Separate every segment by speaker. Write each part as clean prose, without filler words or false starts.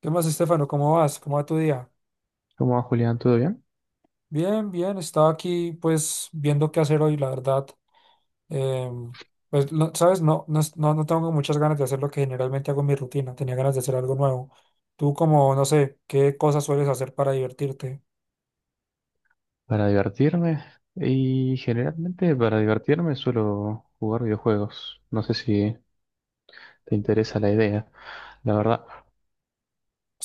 Speaker 1: ¿Qué más, Estefano? ¿Cómo vas? ¿Cómo va tu día?
Speaker 2: ¿Cómo va, Julián? ¿Todo bien?
Speaker 1: Bien, bien. Estaba aquí, pues, viendo qué hacer hoy, la verdad. Em, pues, ¿sabes? No, no tengo muchas ganas de hacer lo que generalmente hago en mi rutina. Tenía ganas de hacer algo nuevo. Tú, como, no sé, ¿qué cosas sueles hacer para divertirte?
Speaker 2: Para divertirme. Y generalmente para divertirme suelo jugar videojuegos. No sé si te interesa la idea. La verdad,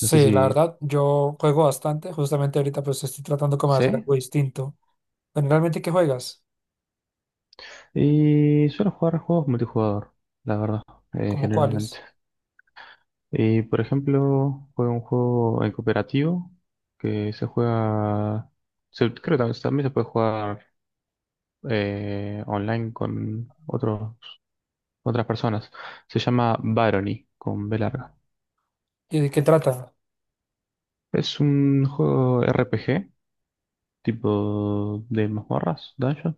Speaker 2: no sé
Speaker 1: la
Speaker 2: si
Speaker 1: verdad, yo juego bastante. Justamente ahorita, pues, estoy tratando como de hacer
Speaker 2: sé.
Speaker 1: algo distinto. Generalmente, ¿qué juegas?
Speaker 2: Y suelo jugar juegos multijugador, la verdad,
Speaker 1: ¿Cómo
Speaker 2: generalmente.
Speaker 1: cuáles?
Speaker 2: Y por ejemplo, juego un juego en cooperativo que se creo que también se puede jugar online con otras personas. Se llama Barony, con B larga.
Speaker 1: ¿Y de qué trata?
Speaker 2: Es un juego RPG, tipo de mazmorras, dungeon.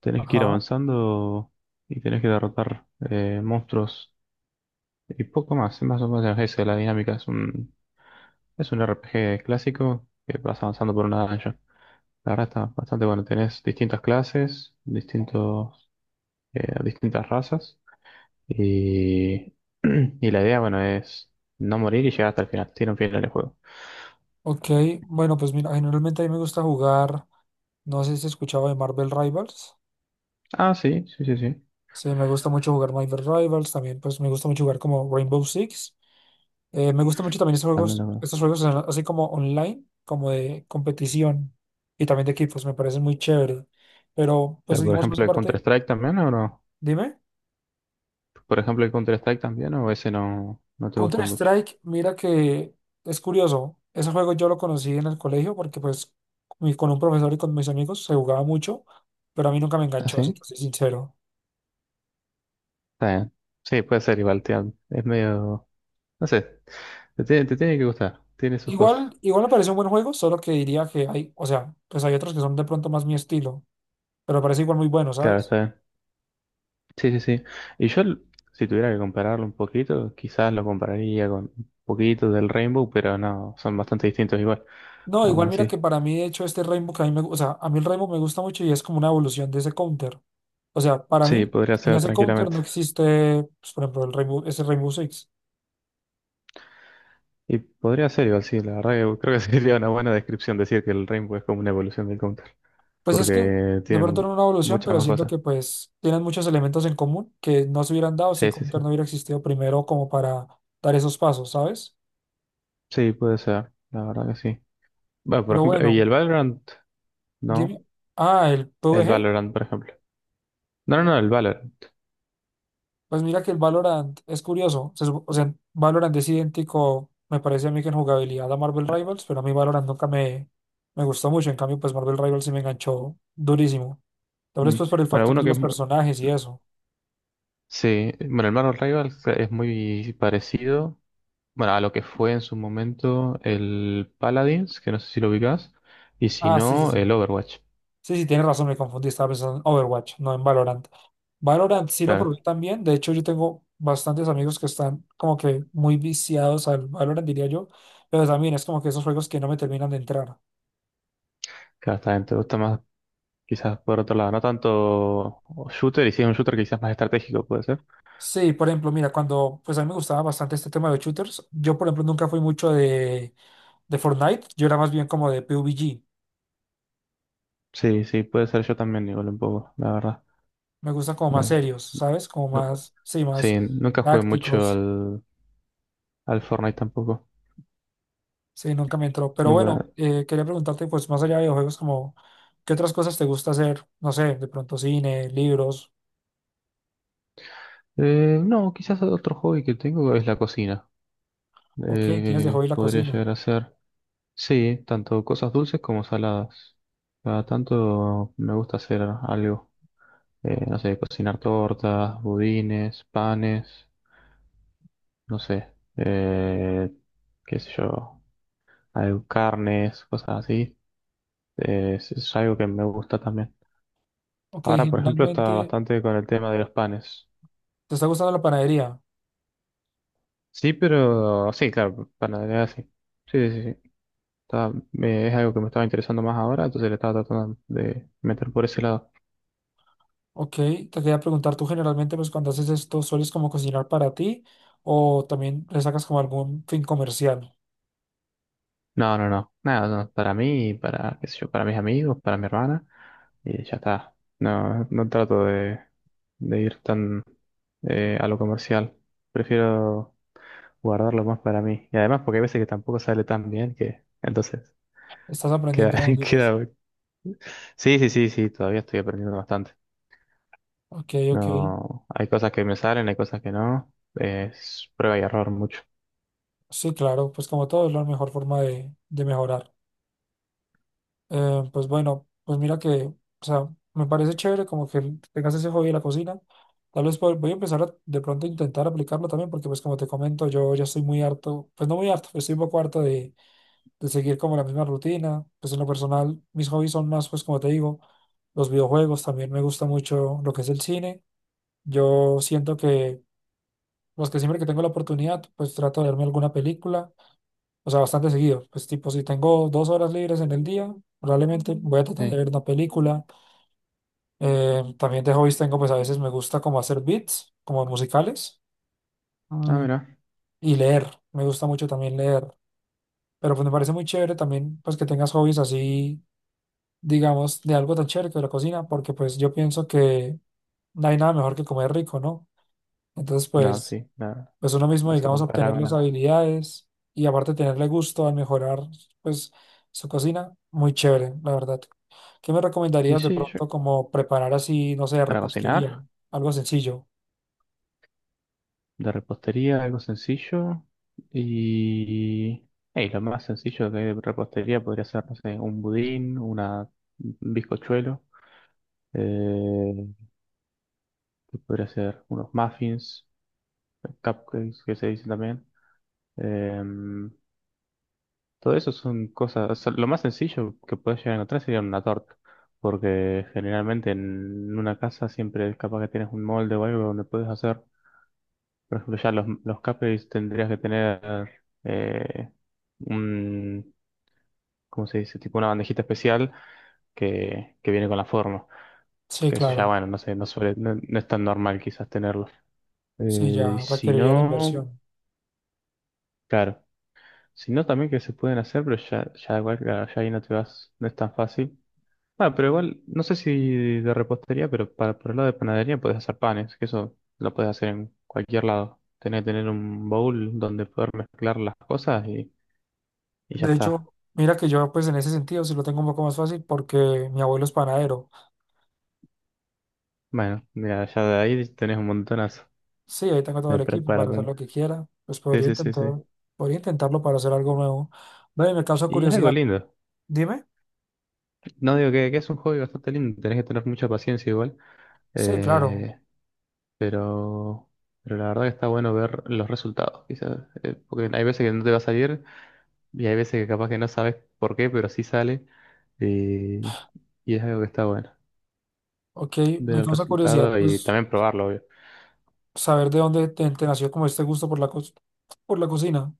Speaker 2: Tenés que ir
Speaker 1: Ajá.
Speaker 2: avanzando y tenés que derrotar monstruos y poco más. Es más o menos esa es la dinámica. Es un RPG clásico que vas avanzando por una dungeon. La verdad está bastante bueno. Tenés distintas clases, distintas razas. Y, y la idea, bueno, es no morir y llegar hasta el final. Tiene un final el juego.
Speaker 1: Ok. Bueno, pues, mira, generalmente a mí me gusta jugar. No sé si has escuchado de Marvel Rivals.
Speaker 2: Ah, sí, sí, sí, sí.
Speaker 1: Sí, me gusta mucho jugar Marvel Rivals, también pues me gusta mucho jugar como Rainbow Six. Me gusta mucho también estos
Speaker 2: También
Speaker 1: juegos,
Speaker 2: lo
Speaker 1: estos así como online, como de competición y también de equipos, me parecen muy chévere. Pero
Speaker 2: ya,
Speaker 1: pues
Speaker 2: por
Speaker 1: digamos más
Speaker 2: ejemplo, el
Speaker 1: aparte,
Speaker 2: Counter-Strike también, ¿o no?
Speaker 1: dime,
Speaker 2: Por ejemplo, el Counter-Strike también, ¿o ese no te gusta mucho?
Speaker 1: Counter-Strike, mira que es curioso, ese juego yo lo conocí en el colegio porque pues con un profesor y con mis amigos se jugaba mucho, pero a mí nunca me
Speaker 2: ¿Ah,
Speaker 1: enganchó, si
Speaker 2: sí?
Speaker 1: te soy sincero.
Speaker 2: Está bien. Sí, puede ser igual, tío. Es medio... No sé, te tiene que gustar, tiene sus cosas.
Speaker 1: Igual, igual me parece un buen juego, solo que diría que hay, o sea, pues hay otros que son de pronto más mi estilo, pero me parece igual muy bueno,
Speaker 2: Claro,
Speaker 1: ¿sabes?
Speaker 2: está bien. Sí, sí, sí. Y yo, l- si tuviera que compararlo un poquito, quizás lo compararía con un poquito del Rainbow, pero no, son bastante distintos igual,
Speaker 1: No,
Speaker 2: aún
Speaker 1: igual mira que
Speaker 2: así.
Speaker 1: para mí, de hecho, este Rainbow que a o sea, a mí el Rainbow me gusta mucho y es como una evolución de ese counter. O sea, para mí,
Speaker 2: Sí, podría
Speaker 1: sin
Speaker 2: ser
Speaker 1: ese counter
Speaker 2: tranquilamente.
Speaker 1: no existe, pues, por ejemplo, el Rainbow, ese Rainbow Six.
Speaker 2: Y podría ser igual, sí, la verdad que creo que sería una buena descripción decir que el Rainbow es como una evolución del Counter.
Speaker 1: Pues es que
Speaker 2: porque
Speaker 1: de
Speaker 2: tiene
Speaker 1: pronto
Speaker 2: mu-
Speaker 1: era una evolución,
Speaker 2: muchas
Speaker 1: pero
Speaker 2: más
Speaker 1: siento
Speaker 2: cosas.
Speaker 1: que pues tienen muchos elementos en común que no se hubieran dado si
Speaker 2: Sí, sí,
Speaker 1: counter
Speaker 2: sí.
Speaker 1: no hubiera existido primero como para dar esos pasos, ¿sabes?
Speaker 2: Sí, puede ser, la verdad que sí. Bueno, por
Speaker 1: Pero
Speaker 2: ejemplo, ¿y el
Speaker 1: bueno,
Speaker 2: Valorant? No,
Speaker 1: dime, ah, el P V
Speaker 2: el
Speaker 1: G.
Speaker 2: Valorant, por ejemplo. No, no, no, el Valorant.
Speaker 1: Pues mira que el Valorant es curioso. O sea, Valorant es idéntico, me parece a mí que en jugabilidad a Marvel
Speaker 2: Ah,
Speaker 1: Rivals, pero a mí Valorant nunca me, me gustó mucho. En cambio, pues Marvel Rivals sí me enganchó durísimo. Tal vez
Speaker 2: mm.
Speaker 1: pues por el
Speaker 2: Bueno,
Speaker 1: factor
Speaker 2: uno
Speaker 1: de
Speaker 2: que es...
Speaker 1: los
Speaker 2: mu-
Speaker 1: personajes y eso.
Speaker 2: Sí, bueno, el Marvel Rivals es muy parecido, bueno, a lo que fue en su momento el Paladins, que no sé si lo ubicás, y si
Speaker 1: Ah, sí, sí,
Speaker 2: no, el
Speaker 1: sí.
Speaker 2: Overwatch.
Speaker 1: Sí, sí, tienes razón, me confundí. Estaba pensando en Overwatch, no en Valorant. Valorant sí lo probé
Speaker 2: Claro,
Speaker 1: también. De hecho, yo tengo bastantes amigos que están como que muy viciados al Valorant, diría yo. Pero también es como que esos juegos que no me terminan de entrar.
Speaker 2: claro, está bien, te gusta más quizás por otro lado, no tanto shooter, y si es un shooter quizás más estratégico, puede ser.
Speaker 1: Sí, por ejemplo, mira, cuando pues a mí me gustaba bastante este tema de shooters, yo por ejemplo nunca fui mucho de Fortnite, yo era más bien como de PUBG,
Speaker 2: Sí, sí, puede ser yo también, igual un poco, la verdad.
Speaker 1: me gustan como más
Speaker 2: No,
Speaker 1: serios, ¿sabes? Como
Speaker 2: nu-
Speaker 1: más, sí, más
Speaker 2: sí, nunca jugué mucho
Speaker 1: tácticos,
Speaker 2: al Fortnite tampoco.
Speaker 1: sí, nunca me entró. Pero bueno,
Speaker 2: Nunca.
Speaker 1: quería preguntarte pues más allá de videojuegos, como, ¿qué otras cosas te gusta hacer? No sé, de pronto cine, libros,
Speaker 2: No, quizás otro hobby que tengo es la cocina.
Speaker 1: ok, tienes de hobby la
Speaker 2: Podría
Speaker 1: cocina,
Speaker 2: llegar a ser. Sí, tanto cosas dulces como saladas. Cada tanto me gusta hacer algo. No sé, cocinar tortas, budines, panes, no sé. Eh, qué sé yo, algo, carnes, cosas así. Es algo que me gusta también.
Speaker 1: ok,
Speaker 2: Ahora, por ejemplo, está
Speaker 1: generalmente,
Speaker 2: bastante con el tema de los panes.
Speaker 1: ¿te está gustando la panadería?
Speaker 2: Sí, pero sí, claro, panadería sí. Sí, sí, sí. Es algo que me estaba interesando más ahora, entonces le estaba tratando de meter por ese lado.
Speaker 1: Ok, te quería preguntar, tú generalmente, pues cuando haces esto, ¿sueles como cocinar para ti o también le sacas como algún fin comercial?
Speaker 2: No, no, no. Nada, no, para mí, para, qué sé yo, para mis amigos, para mi hermana, y ya está. No, no trato de ir tan a lo comercial. Prefiero guardarlo más para mí. Y además, porque hay veces que tampoco sale tan bien que entonces
Speaker 1: Estás
Speaker 2: queda,
Speaker 1: aprendiendo aún, dices.
Speaker 2: queda... Sí, sí, sí, sí, todavía estoy aprendiendo bastante.
Speaker 1: Ok, ok.
Speaker 2: No, hay cosas que me salen, hay cosas que no. Es prueba y error mucho.
Speaker 1: Sí, claro, pues como todo es la mejor forma de mejorar. Pues bueno, pues mira que, o sea, me parece chévere como que tengas ese hobby de la cocina. Tal vez voy a empezar a, de pronto a intentar aplicarlo también porque pues como te comento, yo ya estoy muy harto, pues no muy harto, estoy un poco harto de seguir como la misma rutina. Pues en lo personal, mis hobbies son más, pues como te digo, los videojuegos, también me gusta mucho lo que es el cine. Yo siento que, pues que siempre que tengo la oportunidad, pues trato de verme alguna película, o sea, bastante seguido. Pues tipo, si tengo dos horas libres en el día, probablemente voy a tratar de
Speaker 2: Sí.
Speaker 1: ver una película. También de hobbies tengo, pues a veces me gusta como hacer beats, como musicales,
Speaker 2: Ah,
Speaker 1: mm,
Speaker 2: mira.
Speaker 1: y leer. Me gusta mucho también leer. Pero pues me parece muy chévere también, pues que tengas hobbies así digamos, de algo tan chévere que la cocina, porque pues yo pienso que no hay nada mejor que comer rico, ¿no? Entonces,
Speaker 2: No,
Speaker 1: pues,
Speaker 2: sí, no,
Speaker 1: pues uno mismo,
Speaker 2: no se
Speaker 1: digamos,
Speaker 2: compara
Speaker 1: obtener
Speaker 2: con
Speaker 1: las
Speaker 2: nada.
Speaker 1: habilidades y aparte tenerle gusto al mejorar, pues, su cocina, muy chévere, la verdad. ¿Qué me
Speaker 2: Y
Speaker 1: recomendarías de
Speaker 2: sí, yo-
Speaker 1: pronto como preparar así, no sé,
Speaker 2: Para
Speaker 1: repostería?
Speaker 2: cocinar,
Speaker 1: Algo sencillo.
Speaker 2: de repostería, algo sencillo. Y... y lo más sencillo que hay de repostería podría ser, no sé, un bizcochuelo. Eh, ¿Qué podría ser unos muffins, cupcakes que se dicen también. em, Todo eso son cosas, o sea, lo más sencillo que puedes llegar a encontrar sería una torta, porque generalmente en una casa siempre es capaz que tienes un molde o algo donde puedes hacer, por ejemplo, ya los cupcakes tendrías que tener eh, un, ¿cómo se dice? Tipo una bandejita especial que viene con la forma,
Speaker 1: Sí,
Speaker 2: que eso ya,
Speaker 1: claro.
Speaker 2: bueno, no sé, no suele, no, no es tan normal quizás tenerlo.
Speaker 1: Sí,
Speaker 2: Y
Speaker 1: ya
Speaker 2: si
Speaker 1: requeriría la
Speaker 2: no,
Speaker 1: inversión.
Speaker 2: claro, si no también que se pueden hacer, pero ya, ya igual, claro, ya ahí no te vas, no es tan fácil. Ah, pero igual, no sé si de repostería, pero para, por el lado de panadería puedes hacer panes, que eso lo puedes hacer en cualquier lado. Tenés que tener un bowl donde poder mezclar las cosas y ya
Speaker 1: De
Speaker 2: está.
Speaker 1: hecho, mira que yo pues en ese sentido sí lo tengo un poco más fácil porque mi abuelo es panadero.
Speaker 2: Bueno, mira, ya de ahí tenés un montonazo
Speaker 1: Sí, ahí tengo todo el equipo
Speaker 2: para
Speaker 1: para hacer
Speaker 2: aprender.
Speaker 1: lo que quiera. Pues
Speaker 2: Sí,
Speaker 1: podría
Speaker 2: sí, sí,
Speaker 1: intentar,
Speaker 2: sí.
Speaker 1: podría intentarlo para hacer algo nuevo. Ve, me causa
Speaker 2: Y es algo
Speaker 1: curiosidad.
Speaker 2: lindo.
Speaker 1: Dime.
Speaker 2: No digo que es un hobby bastante lindo, tenés que tener mucha paciencia igual.
Speaker 1: Sí, claro.
Speaker 2: Eh, pero, pero la verdad que está bueno ver los resultados, quizás. Porque hay veces que no te va a salir. Y hay veces que capaz que no sabes por qué, pero sí sale. eh, y es algo que está bueno.
Speaker 1: Ok,
Speaker 2: Ver
Speaker 1: me
Speaker 2: el
Speaker 1: causa curiosidad,
Speaker 2: resultado y
Speaker 1: pues,
Speaker 2: también probarlo, obvio.
Speaker 1: saber de dónde te nació como este gusto por por la cocina.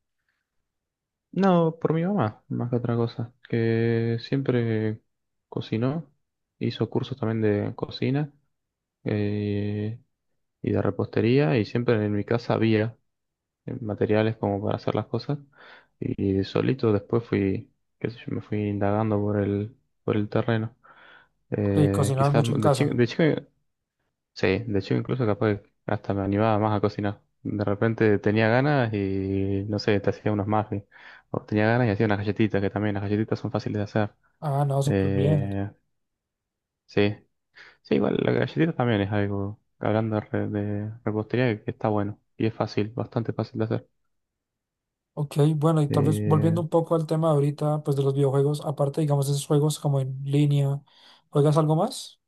Speaker 2: No, por mi mamá, más que otra cosa. Que siempre cocinó. Hizo cursos también de cocina eh, y de repostería. Y siempre en mi casa había materiales como para hacer las cosas. Y solito después fui, qué sé yo, me fui indagando por el terreno.
Speaker 1: Ok, cocinabas
Speaker 2: Quizás
Speaker 1: mucho en
Speaker 2: de chico,
Speaker 1: casa.
Speaker 2: de chico. Sí, de hecho incluso capaz que hasta me animaba más a cocinar. De repente tenía ganas y no sé, te hacía unos muffins. O tenía ganas y hacía unas galletitas, que también las galletitas son fáciles de hacer.
Speaker 1: Ah, no, súper bien.
Speaker 2: Eh, sí, sí, igual las galletitas también es algo, hablando de, de repostería, que está bueno y es fácil, bastante fácil de hacer.
Speaker 1: Ok, bueno, y tal vez volviendo
Speaker 2: Eh,
Speaker 1: un poco al tema ahorita, pues, de los videojuegos, aparte, digamos, de esos juegos como en línea, ¿juegas algo más?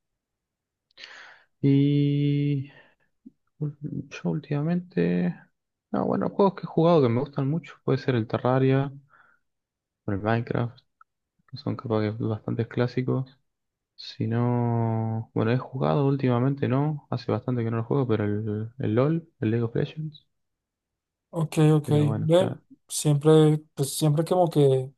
Speaker 2: y ul- yo últimamente, no, bueno, juegos que he jugado que me gustan mucho, puede ser el Terraria o el Minecraft, que son capaz que bastante clásicos. Si no, bueno, he jugado últimamente, ¿no? Hace bastante que no lo juego, pero el LOL, el League of Legends.
Speaker 1: Ok, ok.
Speaker 2: Pero bueno,
Speaker 1: Ve,
Speaker 2: ya.
Speaker 1: siempre, pues siempre como que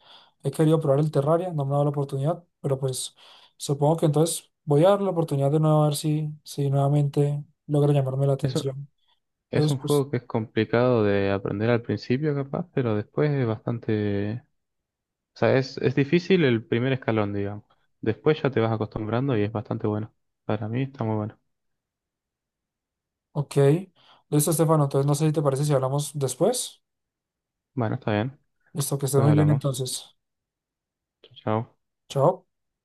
Speaker 1: he querido probar el Terraria, no me ha dado la oportunidad, pero pues supongo que entonces voy a dar la oportunidad de nuevo a ver si, si nuevamente logra llamarme la
Speaker 2: Eso
Speaker 1: atención.
Speaker 2: es
Speaker 1: Entonces,
Speaker 2: un
Speaker 1: pues,
Speaker 2: juego que es complicado de aprender al principio, capaz, pero después es bastante. Es difícil el primer escalón, digamos. Después ya te vas acostumbrando y es bastante bueno. Para mí está muy bueno.
Speaker 1: ok. Listo, Estefano. Entonces, no sé si te parece si hablamos después.
Speaker 2: Bueno, está bien.
Speaker 1: Listo, que estés
Speaker 2: Pues
Speaker 1: muy bien
Speaker 2: hablamos.
Speaker 1: entonces.
Speaker 2: Chao, chao.
Speaker 1: Chao.